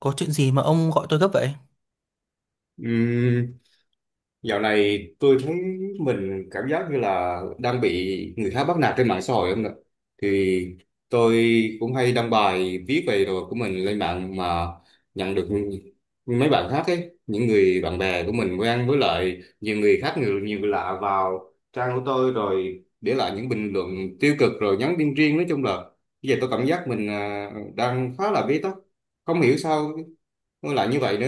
Có chuyện gì mà ông gọi tôi gấp vậy? Ừm, dạo này tôi thấy mình cảm giác như là đang bị người khác bắt nạt trên mạng xã hội không ạ? Thì tôi cũng hay đăng bài viết về đồ của mình lên mạng mà nhận được mấy bạn khác ấy, những người bạn bè của mình quen với lại nhiều người khác nhiều nhiều người lạ vào trang của tôi rồi để lại những bình luận tiêu cực rồi nhắn tin riêng, nói chung là bây giờ tôi cảm giác mình đang khá là bế tắc, không hiểu sao nó lại như vậy nữa.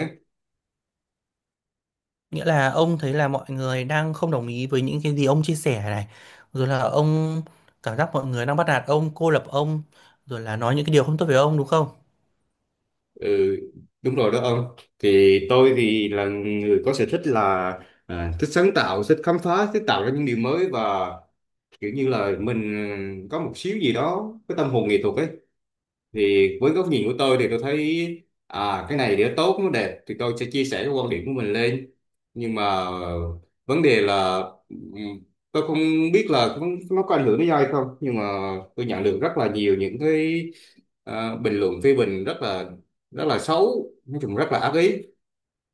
Nghĩa là ông thấy là mọi người đang không đồng ý với những cái gì ông chia sẻ này. Rồi là ông cảm giác mọi người đang bắt nạt ông, cô lập ông. Rồi là nói những cái điều không tốt về ông đúng không? Ừ, đúng rồi đó ông. Thì tôi thì là người có sở thích là thích sáng tạo, thích khám phá, thích tạo ra những điều mới, và kiểu như là mình có một xíu gì đó, cái tâm hồn nghệ thuật ấy. Thì với góc nhìn của tôi thì tôi thấy cái này để tốt nó đẹp thì tôi sẽ chia sẻ cái quan điểm của mình lên. Nhưng mà vấn đề là ừm, tôi không biết là nó có ảnh hưởng đến ai không, nhưng mà tôi nhận được rất là nhiều những cái bình luận phê bình rất là xấu, nói chung rất là ác ý.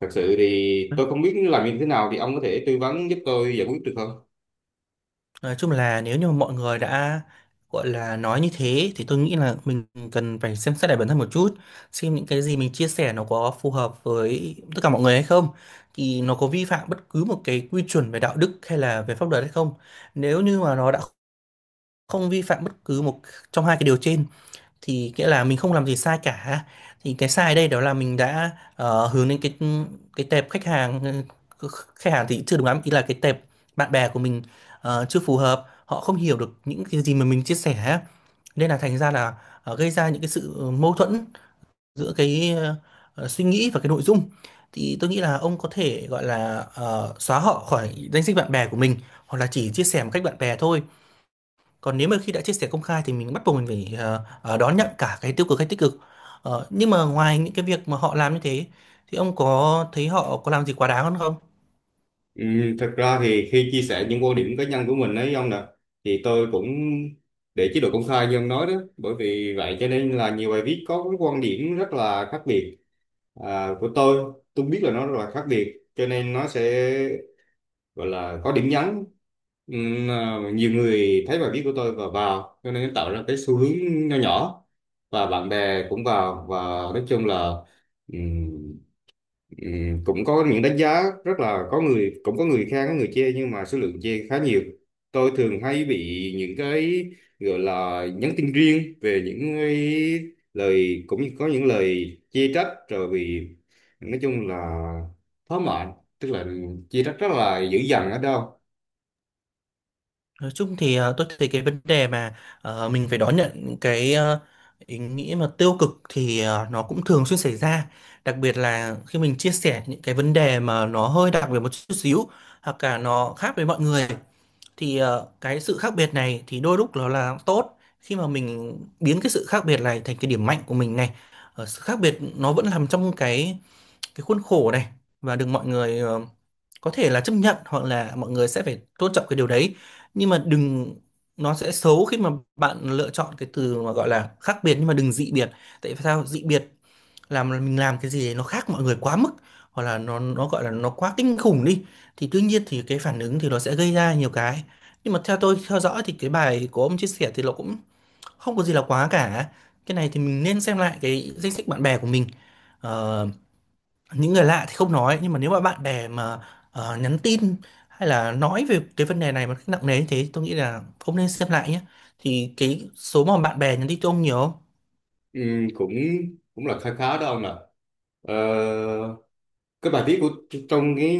Thật sự thì tôi không biết làm như thế nào, thì ông có thể tư vấn giúp tôi giải quyết được không? Nói chung là nếu như mà mọi người đã gọi là nói như thế thì tôi nghĩ là mình cần phải xem xét lại bản thân một chút. Xem những cái gì mình chia sẻ nó có phù hợp với tất cả mọi người hay không. Thì nó có vi phạm bất cứ một cái quy chuẩn về đạo đức hay là về pháp luật hay không. Nếu như mà nó đã không vi phạm bất cứ một trong hai cái điều trên thì nghĩa là mình không làm gì sai cả, thì cái sai ở đây đó là mình đã hướng đến cái tệp khách hàng, ờ, khách hàng thì chưa đúng lắm, ý là cái tệp bạn bè của mình chưa phù hợp, họ không hiểu được những cái gì mà mình chia sẻ, nên là thành ra là gây ra những cái sự mâu thuẫn giữa cái suy nghĩ và cái nội dung. Thì tôi nghĩ là ông có thể gọi là xóa họ khỏi danh sách bạn bè của mình, hoặc là chỉ chia sẻ một cách bạn bè thôi, còn nếu mà khi đã chia sẻ công khai thì mình bắt buộc mình phải đón nhận cả cái tiêu cực hay tích cực. Nhưng mà ngoài những cái việc mà họ làm như thế thì ông có thấy họ có làm gì quá đáng hơn không? Ừ, thật ra thì khi chia sẻ những quan điểm cá nhân của mình ấy ông nè, thì tôi cũng để chế độ công khai như ông nói đó. Bởi vì vậy cho nên là nhiều bài viết có cái quan điểm rất là khác biệt, của tôi biết là nó rất là khác biệt cho nên nó sẽ gọi là có điểm nhấn. Nhiều người thấy bài viết của tôi và vào, cho nên tạo ra cái xu hướng nho nhỏ, và bạn bè cũng vào và nói chung là ừ, Ừ, cũng có những đánh giá rất là, có người cũng có người khen có người chê, nhưng mà số lượng chê khá nhiều. Tôi thường hay bị những cái gọi là nhắn tin riêng về những cái lời, cũng như có những lời chê trách rồi, vì nói chung là thỏa mãn, tức là chê trách rất là dữ dằn ở đâu. Nói chung thì tôi thấy cái vấn đề mà mình phải đón nhận những cái ý nghĩa mà tiêu cực thì nó cũng thường xuyên xảy ra, đặc biệt là khi mình chia sẻ những cái vấn đề mà nó hơi đặc biệt một chút xíu hoặc cả nó khác với mọi người. Thì cái sự khác biệt này thì đôi lúc nó là tốt khi mà mình biến cái sự khác biệt này thành cái điểm mạnh của mình này. Sự khác biệt nó vẫn nằm trong cái khuôn khổ này, và được mọi người có thể là chấp nhận, hoặc là mọi người sẽ phải tôn trọng cái điều đấy. Nhưng mà đừng, nó sẽ xấu khi mà bạn lựa chọn cái từ mà gọi là khác biệt nhưng mà đừng dị biệt. Tại vì sao dị biệt, làm mình làm cái gì đấy nó khác mọi người quá mức, hoặc là nó gọi là nó quá kinh khủng đi, thì tuy nhiên thì cái phản ứng thì nó sẽ gây ra nhiều cái. Nhưng mà theo tôi theo dõi thì cái bài của ông chia sẻ thì nó cũng không có gì là quá cả. Cái này thì mình nên xem lại cái danh sách bạn bè của mình. Ờ, những người lạ thì không nói, nhưng mà nếu mà bạn bè mà nhắn tin hay là nói về cái vấn đề này mà cách nặng nề như thế, tôi nghĩ là ông nên xem lại nhé. Thì cái số mà bạn bè nhắn tin cho ông nhiều không? Ừ, cũng cũng là khá khá đó ông ạ. ờ, cái bài viết của, trong cái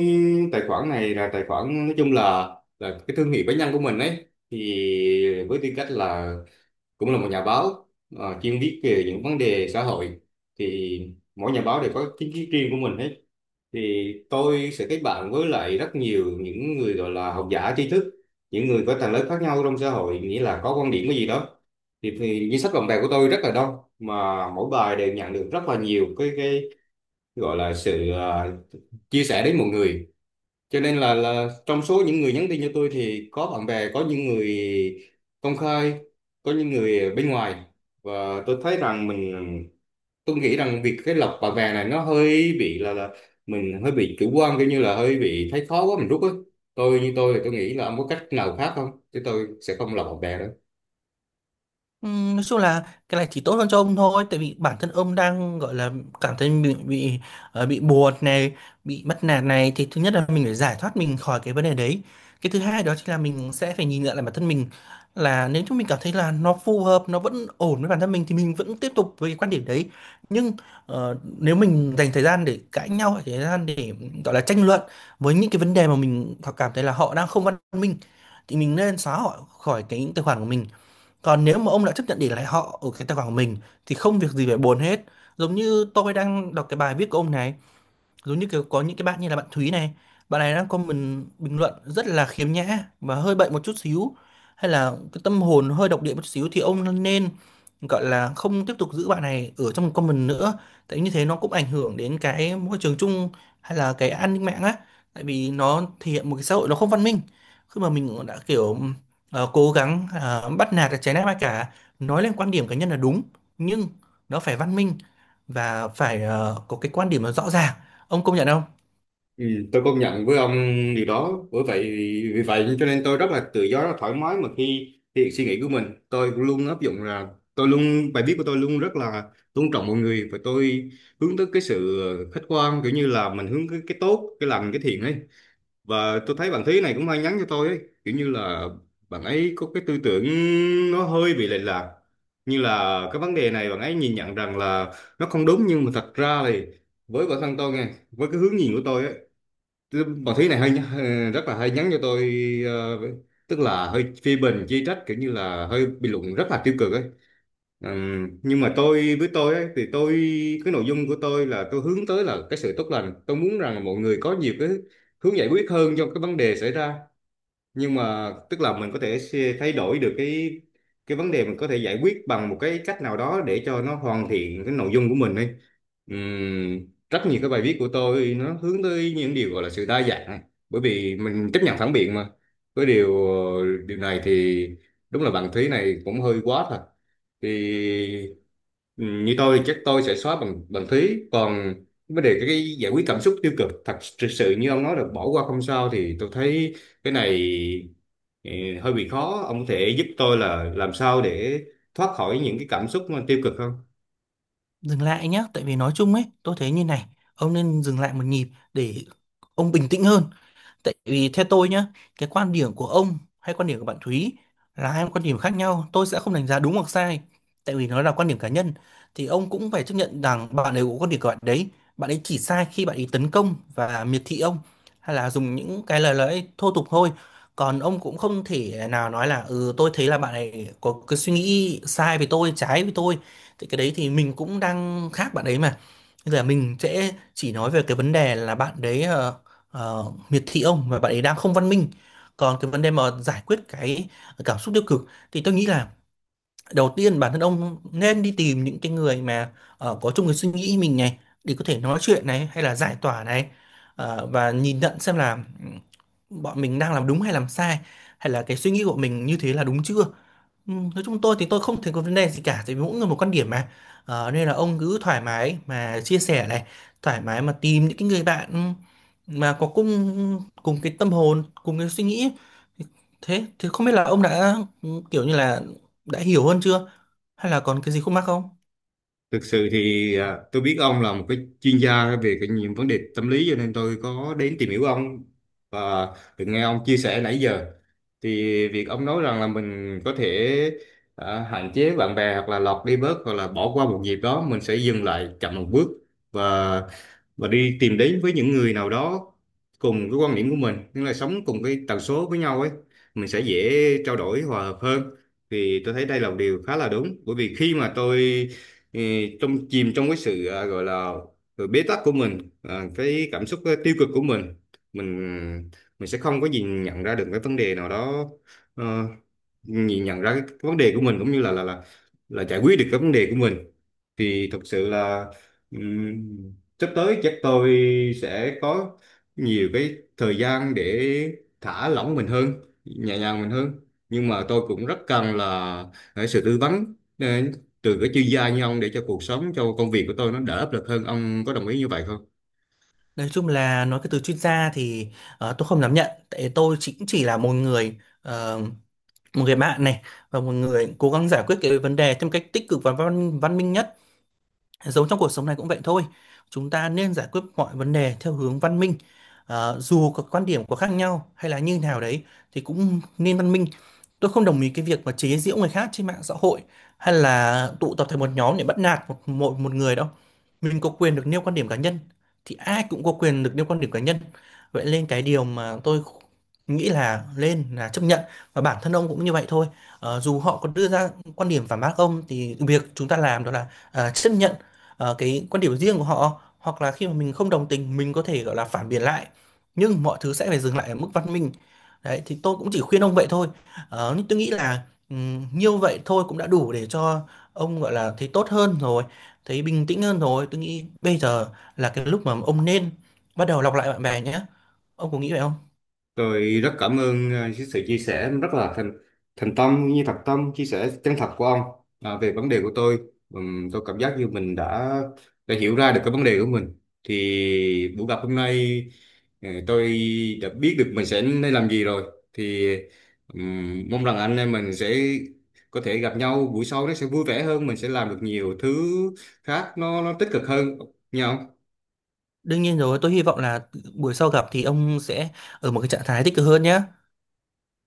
tài khoản này, là tài khoản nói chung là cái thương hiệu cá nhân của mình ấy, thì với tư cách là cũng là một nhà báo chuyên viết về những vấn đề xã hội, thì mỗi nhà báo đều có kiến thức riêng của mình hết. Thì tôi sẽ kết bạn với lại rất nhiều những người gọi là học giả tri thức, những người có tầng lớp khác nhau trong xã hội, nghĩa là có quan điểm cái gì đó. Thì danh sách bạn bè của tôi rất là đông, mà mỗi bài đều nhận được rất là nhiều cái gọi là sự chia sẻ đến mọi người. Cho nên là trong số những người nhắn tin cho tôi thì có bạn bè, có những người công khai, có những người bên ngoài, và tôi thấy rằng mình, tôi nghĩ rằng việc cái lọc bạn bè này nó hơi bị là mình hơi bị chủ quan, kiểu như là hơi bị thấy khó quá mình rút á. Tôi như tôi thì tôi nghĩ là ông có cách nào khác không, chứ tôi sẽ không lọc bạn bè đâu. Nói chung là cái này chỉ tốt hơn cho ông thôi, tại vì bản thân ông đang gọi là cảm thấy bị bị buồn này, bị mất nạt này, thì thứ nhất là mình phải giải thoát mình khỏi cái vấn đề đấy. Cái thứ hai đó chính là mình sẽ phải nhìn nhận lại bản thân mình, là nếu chúng mình cảm thấy là nó phù hợp, nó vẫn ổn với bản thân mình thì mình vẫn tiếp tục với cái quan điểm đấy. Nhưng nếu mình dành thời gian để cãi nhau hay thời gian để gọi là tranh luận với những cái vấn đề mà mình cảm thấy là họ đang không văn minh, thì mình nên xóa họ khỏi cái tài khoản của mình. Còn nếu mà ông đã chấp nhận để lại họ ở cái tài khoản của mình thì không việc gì phải buồn hết. Giống như tôi đang đọc cái bài viết của ông này, giống như kiểu có những cái bạn như là bạn Thúy này, bạn này đang comment bình luận rất là khiếm nhã và hơi bệnh một chút xíu, hay là cái tâm hồn hơi độc địa một chút xíu, thì ông nên gọi là không tiếp tục giữ bạn này ở trong comment nữa. Tại như thế nó cũng ảnh hưởng đến cái môi trường chung hay là cái an ninh mạng á, tại vì nó thể hiện một cái xã hội nó không văn minh. Khi mà mình đã kiểu cố gắng bắt nạt trái nét ai cả, nói lên quan điểm cá nhân là đúng, nhưng nó phải văn minh và phải có cái quan điểm nó rõ ràng, ông công nhận không? Ừ, tôi công nhận với ông điều đó. Bởi vậy vì vậy cho nên tôi rất là tự do rất là thoải mái mà, khi thể hiện suy nghĩ của mình tôi luôn áp dụng là tôi luôn, bài viết của tôi luôn rất là tôn trọng mọi người, và tôi hướng tới cái sự khách quan, kiểu như là mình hướng cái tốt cái lành cái thiện ấy. Và tôi thấy bạn Thúy này cũng hay nhắn cho tôi ấy, kiểu như là bạn ấy có cái tư tưởng nó hơi bị lệch lạc, như là cái vấn đề này bạn ấy nhìn nhận rằng là nó không đúng, nhưng mà thật ra thì với bản thân tôi nghe, với cái hướng nhìn của tôi á. Bà Thúy này hơi hơi- rất là hay nhắn cho tôi, ờ, tức là hơi phê bình chỉ trách, kiểu như là hơi bình luận rất là tiêu cực ấy. Nhưng mà tôi với tôi ấy, thì tôi, cái nội dung của tôi là tôi hướng tới là cái sự tốt lành. Tôi muốn rằng mọi người có nhiều cái hướng giải quyết hơn cho cái vấn đề xảy ra, nhưng mà tức là mình có thể thay đổi được cái vấn đề, mình có thể giải quyết bằng một cái cách nào đó để cho nó hoàn thiện cái nội dung của mình đi. Ừm, Rất nhiều cái bài viết của tôi nó hướng tới những điều gọi là sự đa dạng, bởi vì mình chấp nhận phản biện mà. Với điều điều này thì đúng là bạn Thúy này cũng hơi quá thật. Thì ừ, như tôi thì chắc tôi sẽ xóa bằng bằng phí. Còn vấn đề cái giải quyết cảm xúc tiêu cực, thật sự như ông nói là bỏ qua không sao, thì tôi thấy cái này ừ, hơi bị khó. Ông có thể giúp tôi là làm sao để thoát khỏi những cái cảm xúc mà tiêu cực không? Dừng lại nhé, tại vì nói chung ấy, tôi thấy như này, ông nên dừng lại một nhịp để ông bình tĩnh hơn. Tại vì theo tôi nhá, cái quan điểm của ông hay quan điểm của bạn Thúy là hai quan điểm khác nhau. Tôi sẽ không đánh giá đúng hoặc sai. Tại vì nó là quan điểm cá nhân. Thì ông cũng phải chấp nhận rằng bạn ấy có quan điểm của bạn đấy. Bạn ấy chỉ sai khi bạn ấy tấn công và miệt thị ông. Hay là dùng những cái lời lẽ thô tục thôi. Còn ông cũng không thể nào nói là ừ tôi thấy là bạn ấy có cái suy nghĩ sai với tôi, trái với tôi. Thì cái đấy thì mình cũng đang khác bạn ấy mà. Bây giờ mình sẽ chỉ nói về cái vấn đề là bạn đấy miệt thị ông và bạn ấy đang không văn minh. Còn cái vấn đề mà giải quyết cái cảm xúc tiêu cực thì tôi nghĩ là đầu tiên bản thân ông nên đi tìm những cái người mà có chung cái suy nghĩ mình này, để có thể nói chuyện này hay là giải tỏa này. Ờ, và nhìn nhận xem là ừ, bọn mình đang làm đúng hay làm sai, hay là cái suy nghĩ của mình như thế là đúng chưa. Ừ, nói chung tôi thì tôi không thấy có vấn đề gì cả, tại vì mỗi người một quan điểm mà. Nên là ông cứ thoải mái mà chia sẻ này, thoải mái mà tìm những cái người bạn ừ, mà có cùng cùng cái tâm hồn, cùng cái suy nghĩ. Thế thì không biết là ông đã ừ, kiểu như là đã hiểu hơn chưa, hay là còn cái gì khúc mắc không? Thực sự thì tôi biết ông là một cái chuyên gia về cái những vấn đề tâm lý, cho nên tôi có đến tìm hiểu ông và được nghe ông chia sẻ nãy giờ. Thì việc ông nói rằng là mình có thể hạn chế bạn bè, hoặc là lọt đi bớt, hoặc là bỏ qua một dịp đó, mình sẽ dừng lại chậm một bước, và và đi tìm đến với những người nào đó cùng cái quan điểm của mình, nhưng là sống cùng cái tần số với nhau ấy, mình sẽ dễ trao đổi hòa hợp hơn. Thì tôi thấy đây là một điều khá là đúng, bởi vì khi mà tôi ừ, trong chìm trong cái sự gọi là sự bế tắc của mình, cái cảm xúc tiêu cực của mình, mình mình sẽ không có gì nhận ra được cái vấn đề nào đó, ờ, nhìn nhận ra cái vấn đề của mình, cũng như là là giải quyết được cái vấn đề của mình. Thì thực sự là ừm, sắp tới chắc tôi sẽ có nhiều cái thời gian để thả lỏng mình hơn, nhẹ nhàng mình hơn. Nhưng mà tôi cũng rất cần là cái sự tư vấn từ các chuyên gia như ông, để cho cuộc sống cho công việc của tôi nó đỡ áp lực hơn. Ông có đồng ý như vậy không? Nói chung là nói cái từ chuyên gia thì tôi không dám nhận, tại tôi chỉ là một người một người bạn này, và một người cố gắng giải quyết cái vấn đề theo một cách tích cực và văn văn minh nhất. Giống trong cuộc sống này cũng vậy thôi. Chúng ta nên giải quyết mọi vấn đề theo hướng văn minh. Dù có quan điểm có khác nhau hay là như nào đấy thì cũng nên văn minh. Tôi không đồng ý cái việc mà chế giễu người khác trên mạng xã hội, hay là tụ tập thành một nhóm để bắt nạt một, một một người đâu. Mình có quyền được nêu quan điểm cá nhân, thì ai cũng có quyền được nêu quan điểm cá nhân. Vậy nên cái điều mà tôi nghĩ là lên là chấp nhận, và bản thân ông cũng như vậy thôi. Dù họ có đưa ra quan điểm phản bác ông thì việc chúng ta làm đó là à, chấp nhận cái quan điểm riêng của họ, hoặc là khi mà mình không đồng tình mình có thể gọi là phản biện lại, nhưng mọi thứ sẽ phải dừng lại ở mức văn minh. Đấy thì tôi cũng chỉ khuyên ông vậy thôi. Nhưng tôi nghĩ là nhiêu vậy thôi cũng đã đủ để cho ông gọi là thấy tốt hơn rồi, thấy bình tĩnh hơn rồi. Tôi nghĩ bây giờ là cái lúc mà ông nên bắt đầu lọc lại bạn bè nhé. Ông có nghĩ vậy không? Tôi rất cảm ơn cái sự chia sẻ rất là thành thành tâm, cũng như thật tâm chia sẻ chân thật của ông về vấn đề của tôi. Tôi cảm giác như mình đã hiểu ra được cái vấn đề của mình. Thì buổi gặp hôm nay tôi đã biết được mình sẽ nên làm gì rồi. Thì mong rằng anh em mình sẽ có thể gặp nhau buổi sau nó sẽ vui vẻ hơn, mình sẽ làm được nhiều thứ khác nó tích cực hơn nhau. Đương nhiên rồi, tôi hy vọng là buổi sau gặp thì ông sẽ ở một cái trạng thái tích cực hơn nhé.